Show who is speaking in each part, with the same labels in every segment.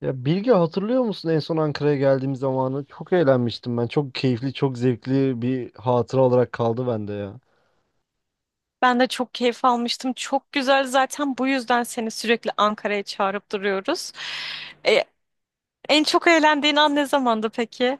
Speaker 1: Ya Bilge hatırlıyor musun en son Ankara'ya geldiğim zamanı? Çok eğlenmiştim ben. Çok keyifli, çok zevkli bir hatıra olarak kaldı bende ya.
Speaker 2: Ben de çok keyif almıştım. Çok güzel zaten bu yüzden seni sürekli Ankara'ya çağırıp duruyoruz. E, En çok eğlendiğin an ne zamandı peki?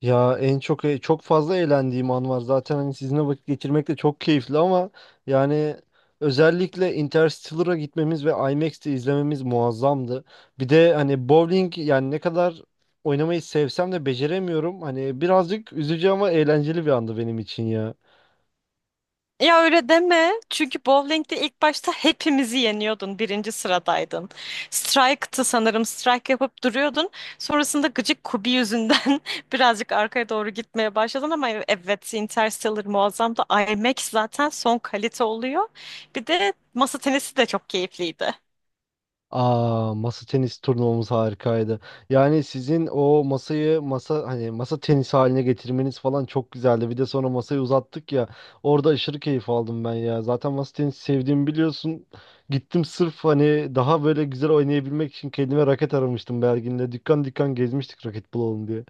Speaker 1: Ya en çok çok fazla eğlendiğim an var. Zaten hani sizinle vakit geçirmek de çok keyifli ama yani özellikle Interstellar'a gitmemiz ve IMAX'te izlememiz muazzamdı. Bir de hani bowling yani ne kadar oynamayı sevsem de beceremiyorum. Hani birazcık üzücü ama eğlenceli bir andı benim için ya.
Speaker 2: Ya öyle deme. Çünkü bowling'de ilk başta hepimizi yeniyordun. Birinci sıradaydın. Strike'tı sanırım. Strike yapıp duruyordun. Sonrasında gıcık Kubi yüzünden birazcık arkaya doğru gitmeye başladın ama evet Interstellar muazzamdı. IMAX zaten son kalite oluyor. Bir de masa tenisi de çok keyifliydi.
Speaker 1: Aa, masa tenis turnuvamız harikaydı. Yani sizin o masayı hani masa tenisi haline getirmeniz falan çok güzeldi. Bir de sonra masayı uzattık ya. Orada aşırı keyif aldım ben ya. Zaten masa tenisi sevdiğimi biliyorsun. Gittim sırf hani daha böyle güzel oynayabilmek için kendime raket aramıştım Belgin'le. Dükkan dükkan gezmiştik raket bulalım diye.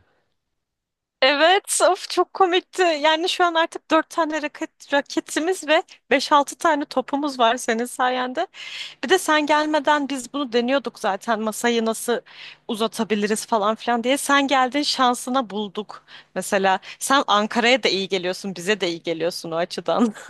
Speaker 2: Evet, of çok komikti. Yani şu an artık dört tane raketimiz ve beş altı tane topumuz var senin sayende. Bir de sen gelmeden biz bunu deniyorduk zaten masayı nasıl uzatabiliriz falan filan diye. Sen geldin şansına bulduk. Mesela sen Ankara'ya da iyi geliyorsun, bize de iyi geliyorsun o açıdan.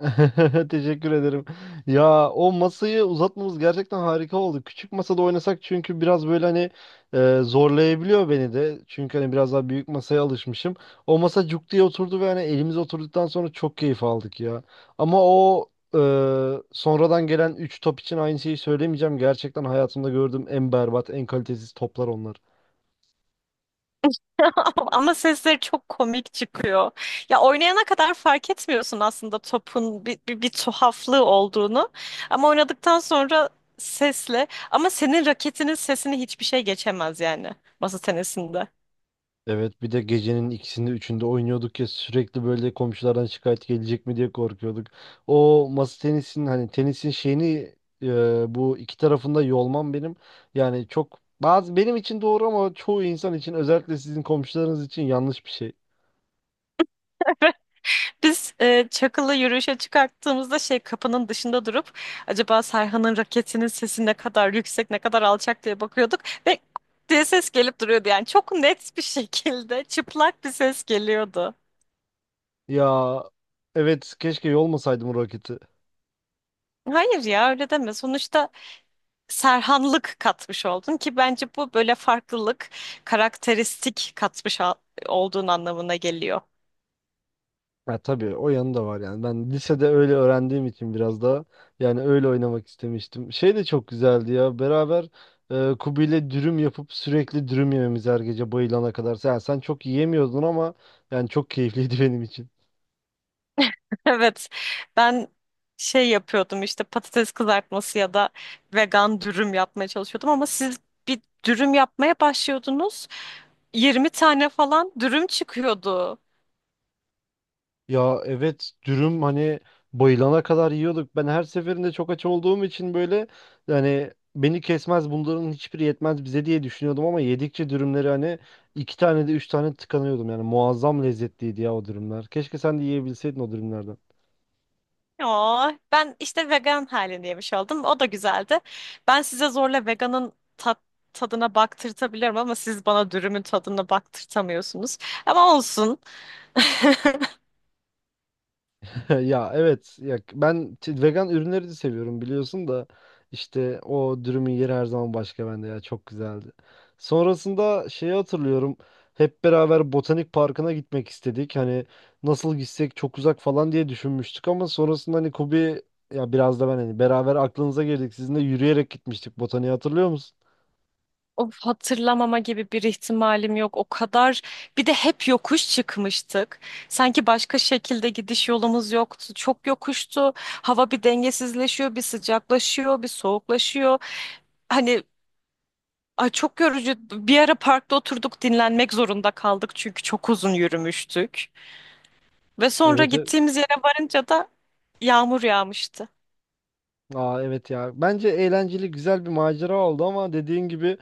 Speaker 1: Teşekkür ederim. Ya o masayı uzatmamız gerçekten harika oldu. Küçük masada oynasak çünkü biraz böyle hani zorlayabiliyor beni de. Çünkü hani biraz daha büyük masaya alışmışım. O masa cuk diye oturdu ve hani elimize oturduktan sonra çok keyif aldık ya. Ama o e, sonradan gelen 3 top için aynı şeyi söylemeyeceğim. Gerçekten hayatımda gördüğüm en berbat, en kalitesiz toplar onlar.
Speaker 2: Ama sesleri çok komik çıkıyor. Ya oynayana kadar fark etmiyorsun aslında topun bir tuhaflığı olduğunu. Ama oynadıktan sonra sesle ama senin raketinin sesini hiçbir şey geçemez yani masa tenisinde.
Speaker 1: Evet, bir de gecenin ikisinde üçünde oynuyorduk ya sürekli böyle komşulardan şikayet gelecek mi diye korkuyorduk. O masa tenisinin hani tenisin şeyini bu iki tarafında yolmam benim yani çok bazı benim için doğru ama çoğu insan için özellikle sizin komşularınız için yanlış bir şey.
Speaker 2: Biz Çakıl'ı yürüyüşe çıkarttığımızda şey kapının dışında durup acaba Serhan'ın raketinin sesi ne kadar yüksek ne kadar alçak diye bakıyorduk ve diye ses gelip duruyordu yani çok net bir şekilde çıplak bir ses geliyordu.
Speaker 1: Ya evet, keşke yolmasaydım o raketi.
Speaker 2: Hayır ya öyle deme sonuçta Serhanlık katmış oldun ki bence bu böyle farklılık karakteristik katmış olduğun anlamına geliyor.
Speaker 1: Ya tabii o yanı da var yani. Ben lisede öyle öğrendiğim için biraz daha yani öyle oynamak istemiştim. Şey de çok güzeldi ya. Beraber Kubi ile dürüm yapıp sürekli dürüm yememiz her gece bayılana kadar. Sen çok yiyemiyordun ama yani çok keyifliydi benim için.
Speaker 2: Evet, ben şey yapıyordum işte patates kızartması ya da vegan dürüm yapmaya çalışıyordum ama siz bir dürüm yapmaya başlıyordunuz. 20 tane falan dürüm çıkıyordu.
Speaker 1: Ya evet, dürüm hani bayılana kadar yiyorduk. Ben her seferinde çok aç olduğum için böyle yani beni kesmez bunların hiçbiri yetmez bize diye düşünüyordum ama yedikçe dürümleri hani iki tane de üç tane tıkanıyordum. Yani muazzam lezzetliydi ya o dürümler. Keşke sen de yiyebilseydin o dürümlerden.
Speaker 2: Oo, ben işte vegan halini yemiş oldum. O da güzeldi. Ben size zorla veganın tadına baktırtabilirim ama siz bana dürümün tadına baktırtamıyorsunuz. Ama olsun.
Speaker 1: Ya evet ya ben vegan ürünleri de seviyorum biliyorsun da işte o dürümün yeri her zaman başka bende ya, çok güzeldi. Sonrasında şeyi hatırlıyorum, hep beraber botanik parkına gitmek istedik hani nasıl gitsek çok uzak falan diye düşünmüştük ama sonrasında hani Kubi ya biraz da ben hani beraber aklınıza girdik sizinle yürüyerek gitmiştik botaniği hatırlıyor musun?
Speaker 2: Of, hatırlamama gibi bir ihtimalim yok. O kadar bir de hep yokuş çıkmıştık. Sanki başka şekilde gidiş yolumuz yoktu. Çok yokuştu. Hava bir dengesizleşiyor, bir sıcaklaşıyor, bir soğuklaşıyor. Hani ay çok yorucu. Bir ara parkta oturduk dinlenmek zorunda kaldık çünkü çok uzun yürümüştük. Ve sonra
Speaker 1: Evet.
Speaker 2: gittiğimiz yere varınca da yağmur yağmıştı.
Speaker 1: Aa, evet ya bence eğlenceli güzel bir macera oldu ama dediğin gibi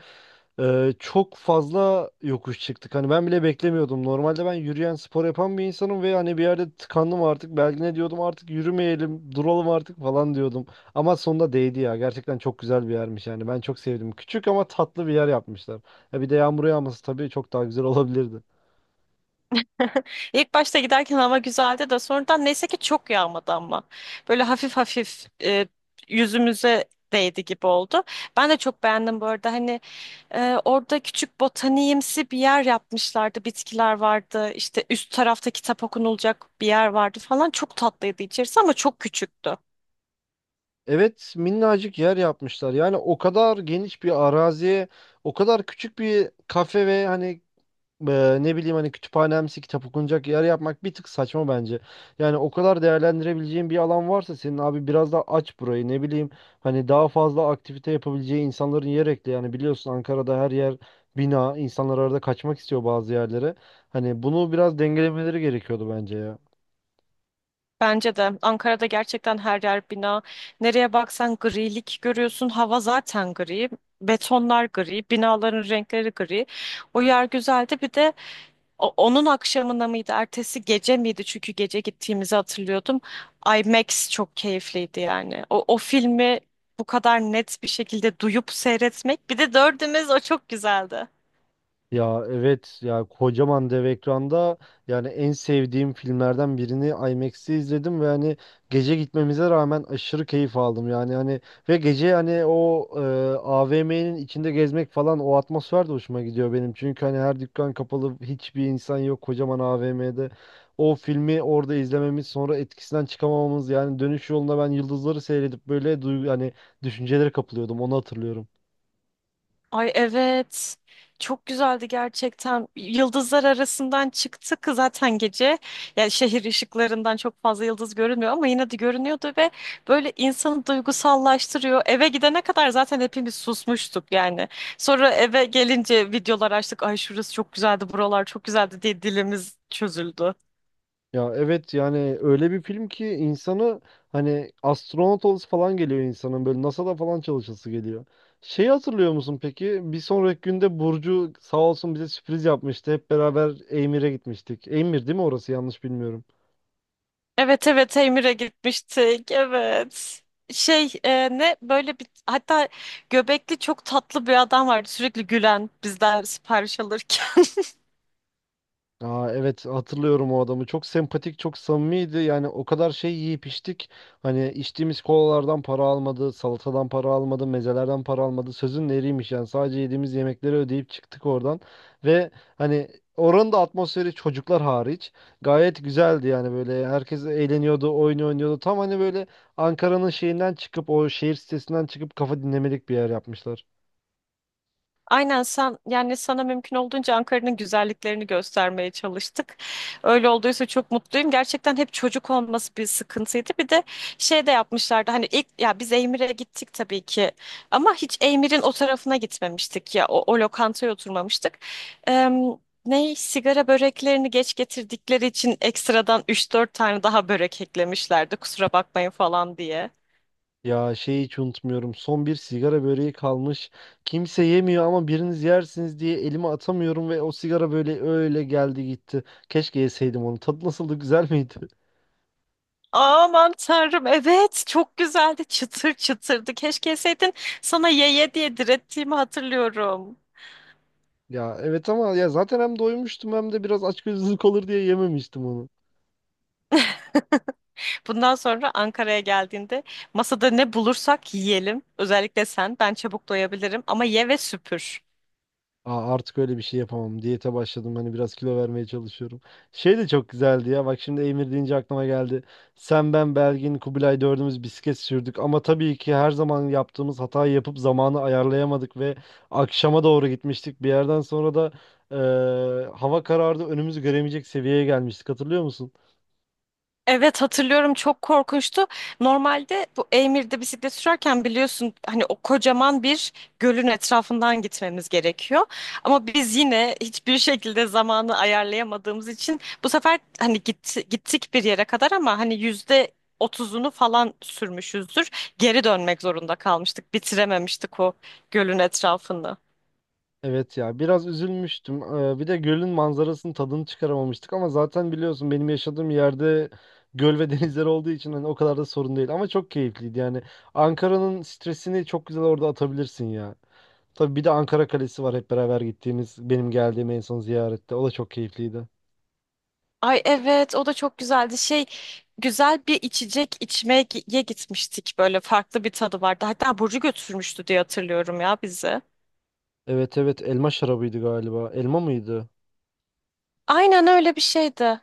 Speaker 1: Çok fazla yokuş çıktık. Hani ben bile beklemiyordum. Normalde ben yürüyen spor yapan bir insanım ve hani bir yerde tıkandım artık. Belki ne diyordum artık yürümeyelim, duralım artık falan diyordum. Ama sonunda değdi ya. Gerçekten çok güzel bir yermiş yani. Ben çok sevdim. Küçük ama tatlı bir yer yapmışlar. Ya bir de yağmur yağması tabii çok daha güzel olabilirdi.
Speaker 2: İlk başta giderken hava güzeldi de sonradan neyse ki çok yağmadı ama. Böyle hafif hafif yüzümüze değdi gibi oldu. Ben de çok beğendim bu arada. Hani orada küçük botaniğimsi bir yer yapmışlardı. Bitkiler vardı. İşte üst tarafta kitap okunulacak bir yer vardı falan. Çok tatlıydı içerisi ama çok küçüktü.
Speaker 1: Evet, minnacık yer yapmışlar. Yani o kadar geniş bir araziye, o kadar küçük bir kafe ve hani ne bileyim hani kütüphanemsi kitap okunacak yer yapmak bir tık saçma bence. Yani o kadar değerlendirebileceğin bir alan varsa senin abi biraz daha aç burayı, ne bileyim hani daha fazla aktivite yapabileceği insanların yer ekle. Yani biliyorsun Ankara'da her yer bina, insanlar arada kaçmak istiyor bazı yerlere. Hani bunu biraz dengelemeleri gerekiyordu bence ya.
Speaker 2: Bence de Ankara'da gerçekten her yer bina. Nereye baksan grilik görüyorsun. Hava zaten gri. Betonlar gri. Binaların renkleri gri. O yer güzeldi. Bir de onun akşamına mıydı, ertesi gece miydi? Çünkü gece gittiğimizi hatırlıyordum. IMAX çok keyifliydi yani. O filmi bu kadar net bir şekilde duyup seyretmek. Bir de dördümüz o çok güzeldi.
Speaker 1: Ya evet ya, kocaman dev ekranda yani en sevdiğim filmlerden birini IMAX'te izledim ve hani gece gitmemize rağmen aşırı keyif aldım yani hani ve gece hani o AVM'nin içinde gezmek falan, o atmosfer de hoşuma gidiyor benim çünkü hani her dükkan kapalı, hiçbir insan yok kocaman AVM'de o filmi orada izlememiz, sonra etkisinden çıkamamamız yani dönüş yolunda ben yıldızları seyredip böyle duygu hani düşüncelere kapılıyordum, onu hatırlıyorum.
Speaker 2: Ay evet. Çok güzeldi gerçekten. Yıldızlar arasından çıktık zaten gece. Yani şehir ışıklarından çok fazla yıldız görünmüyor ama yine de görünüyordu ve böyle insanı duygusallaştırıyor. Eve gidene kadar zaten hepimiz susmuştuk yani. Sonra eve gelince videolar açtık. Ay şurası çok güzeldi, buralar çok güzeldi diye dilimiz çözüldü.
Speaker 1: Ya evet yani öyle bir film ki insanı hani astronot olası falan geliyor insanın, böyle NASA'da falan çalışası geliyor. Şeyi hatırlıyor musun peki? Bir sonraki günde Burcu sağ olsun bize sürpriz yapmıştı. Hep beraber Eymir'e gitmiştik. Eymir değil mi orası, yanlış bilmiyorum.
Speaker 2: Evet evet Emir'e gitmiştik. Evet. Şey ne böyle bir hatta göbekli çok tatlı bir adam vardı sürekli gülen bizden sipariş alırken.
Speaker 1: Aa, evet hatırlıyorum o adamı. Çok sempatik, çok samimiydi. Yani o kadar şey yiyip içtik. Hani içtiğimiz kolalardan para almadı, salatadan para almadı, mezelerden para almadı. Sözün eriymiş yani. Sadece yediğimiz yemekleri ödeyip çıktık oradan. Ve hani oranın da atmosferi çocuklar hariç gayet güzeldi, yani böyle herkes eğleniyordu, oyun oynuyordu. Tam hani böyle Ankara'nın şeyinden çıkıp, o şehir sitesinden çıkıp kafa dinlemelik bir yer yapmışlar.
Speaker 2: Aynen sen yani sana mümkün olduğunca Ankara'nın güzelliklerini göstermeye çalıştık. Öyle olduysa çok mutluyum. Gerçekten hep çocuk olması bir sıkıntıydı. Bir de şey de yapmışlardı hani ilk ya biz Eymir'e gittik tabii ki ama hiç Eymir'in o tarafına gitmemiştik ya o lokantaya oturmamıştık. Eee Ne sigara böreklerini geç getirdikleri için ekstradan üç dört tane daha börek eklemişlerdi kusura bakmayın falan diye.
Speaker 1: Ya şeyi hiç unutmuyorum. Son bir sigara böreği kalmış. Kimse yemiyor ama biriniz yersiniz diye elime atamıyorum ve o sigara böyle öyle geldi gitti. Keşke yeseydim onu. Tadı nasıldı, güzel miydi?
Speaker 2: Aman tanrım evet çok güzeldi çıtır çıtırdı. Keşke yeseydin, sana ye ye diye direttiğimi hatırlıyorum.
Speaker 1: Ya evet ama ya zaten hem doymuştum hem de biraz açgözlülük olur diye yememiştim onu.
Speaker 2: Bundan sonra Ankara'ya geldiğinde masada ne bulursak yiyelim. Özellikle sen. Ben çabuk doyabilirim ama ye ve süpür.
Speaker 1: Aa, artık öyle bir şey yapamam. Diyete başladım. Hani biraz kilo vermeye çalışıyorum. Şey de çok güzeldi ya. Bak şimdi Emir deyince aklıma geldi. Sen, ben, Belgin, Kubilay dördümüz bisiklet sürdük. Ama tabii ki her zaman yaptığımız hatayı yapıp zamanı ayarlayamadık ve akşama doğru gitmiştik. Bir yerden sonra da hava karardı. Önümüzü göremeyecek seviyeye gelmiştik. Hatırlıyor musun?
Speaker 2: Evet hatırlıyorum çok korkunçtu. Normalde bu Eymir'de bisiklet sürerken biliyorsun hani o kocaman bir gölün etrafından gitmemiz gerekiyor. Ama biz yine hiçbir şekilde zamanı ayarlayamadığımız için bu sefer hani gittik bir yere kadar ama hani %30'unu falan sürmüşüzdür. Geri dönmek zorunda kalmıştık. Bitirememiştik o gölün etrafını.
Speaker 1: Evet ya, biraz üzülmüştüm. Bir de gölün manzarasının tadını çıkaramamıştık ama zaten biliyorsun benim yaşadığım yerde göl ve denizler olduğu için hani o kadar da sorun değil ama çok keyifliydi yani. Ankara'nın stresini çok güzel orada atabilirsin ya. Tabii bir de Ankara Kalesi var, hep beraber gittiğimiz benim geldiğim en son ziyarette. O da çok keyifliydi.
Speaker 2: Ay evet o da çok güzeldi. Şey güzel bir içecek içmeye gitmiştik, böyle farklı bir tadı vardı. Hatta Burcu götürmüştü diye hatırlıyorum ya bizi.
Speaker 1: Evet evet, elma şarabıydı galiba. Elma mıydı?
Speaker 2: Aynen öyle bir şeydi.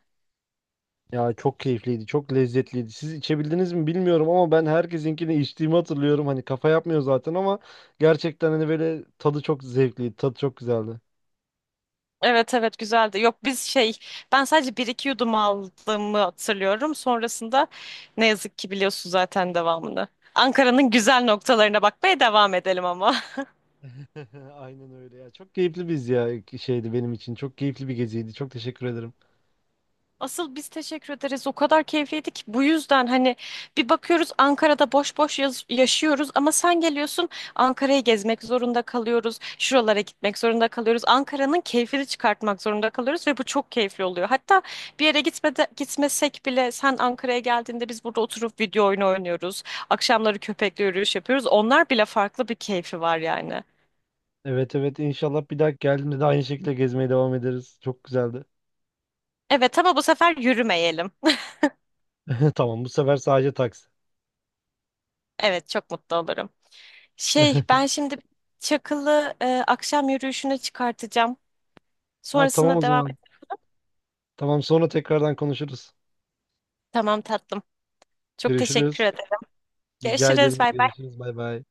Speaker 1: Ya çok keyifliydi, çok lezzetliydi. Siz içebildiniz mi bilmiyorum ama ben herkesinkini içtiğimi hatırlıyorum. Hani kafa yapmıyor zaten ama gerçekten hani böyle tadı çok zevkliydi, tadı çok güzeldi.
Speaker 2: Evet evet güzeldi. Yok biz şey ben sadece bir iki yudum aldığımı hatırlıyorum. Sonrasında ne yazık ki biliyorsun zaten devamını. Ankara'nın güzel noktalarına bakmaya devam edelim ama.
Speaker 1: Aynen öyle ya. Çok keyifli biz ya şeydi benim için. Çok keyifli bir geziydi. Çok teşekkür ederim.
Speaker 2: Asıl biz teşekkür ederiz. O kadar keyifliydi ki bu yüzden hani bir bakıyoruz Ankara'da boş boş yaşıyoruz ama sen geliyorsun Ankara'yı gezmek zorunda kalıyoruz. Şuralara gitmek zorunda kalıyoruz. Ankara'nın keyfini çıkartmak zorunda kalıyoruz ve bu çok keyifli oluyor. Hatta bir yere gitmesek bile sen Ankara'ya geldiğinde biz burada oturup video oyunu oynuyoruz. Akşamları köpekle yürüyüş yapıyoruz. Onlar bile farklı bir keyfi var yani.
Speaker 1: Evet evet, inşallah bir daha geldiğimde de aynı şekilde gezmeye devam ederiz. Çok güzeldi.
Speaker 2: Evet ama bu sefer yürümeyelim.
Speaker 1: Tamam, bu sefer sadece taksi.
Speaker 2: Evet çok mutlu olurum. Şey, ben şimdi Çakıl'ı akşam yürüyüşüne çıkartacağım.
Speaker 1: Ha tamam,
Speaker 2: Sonrasında
Speaker 1: o
Speaker 2: devam
Speaker 1: zaman.
Speaker 2: et.
Speaker 1: Tamam sonra tekrardan konuşuruz.
Speaker 2: Tamam tatlım. Çok teşekkür
Speaker 1: Görüşürüz.
Speaker 2: ederim.
Speaker 1: Rica
Speaker 2: Görüşürüz.
Speaker 1: ederim.
Speaker 2: Bay bay.
Speaker 1: Görüşürüz. Bay bay.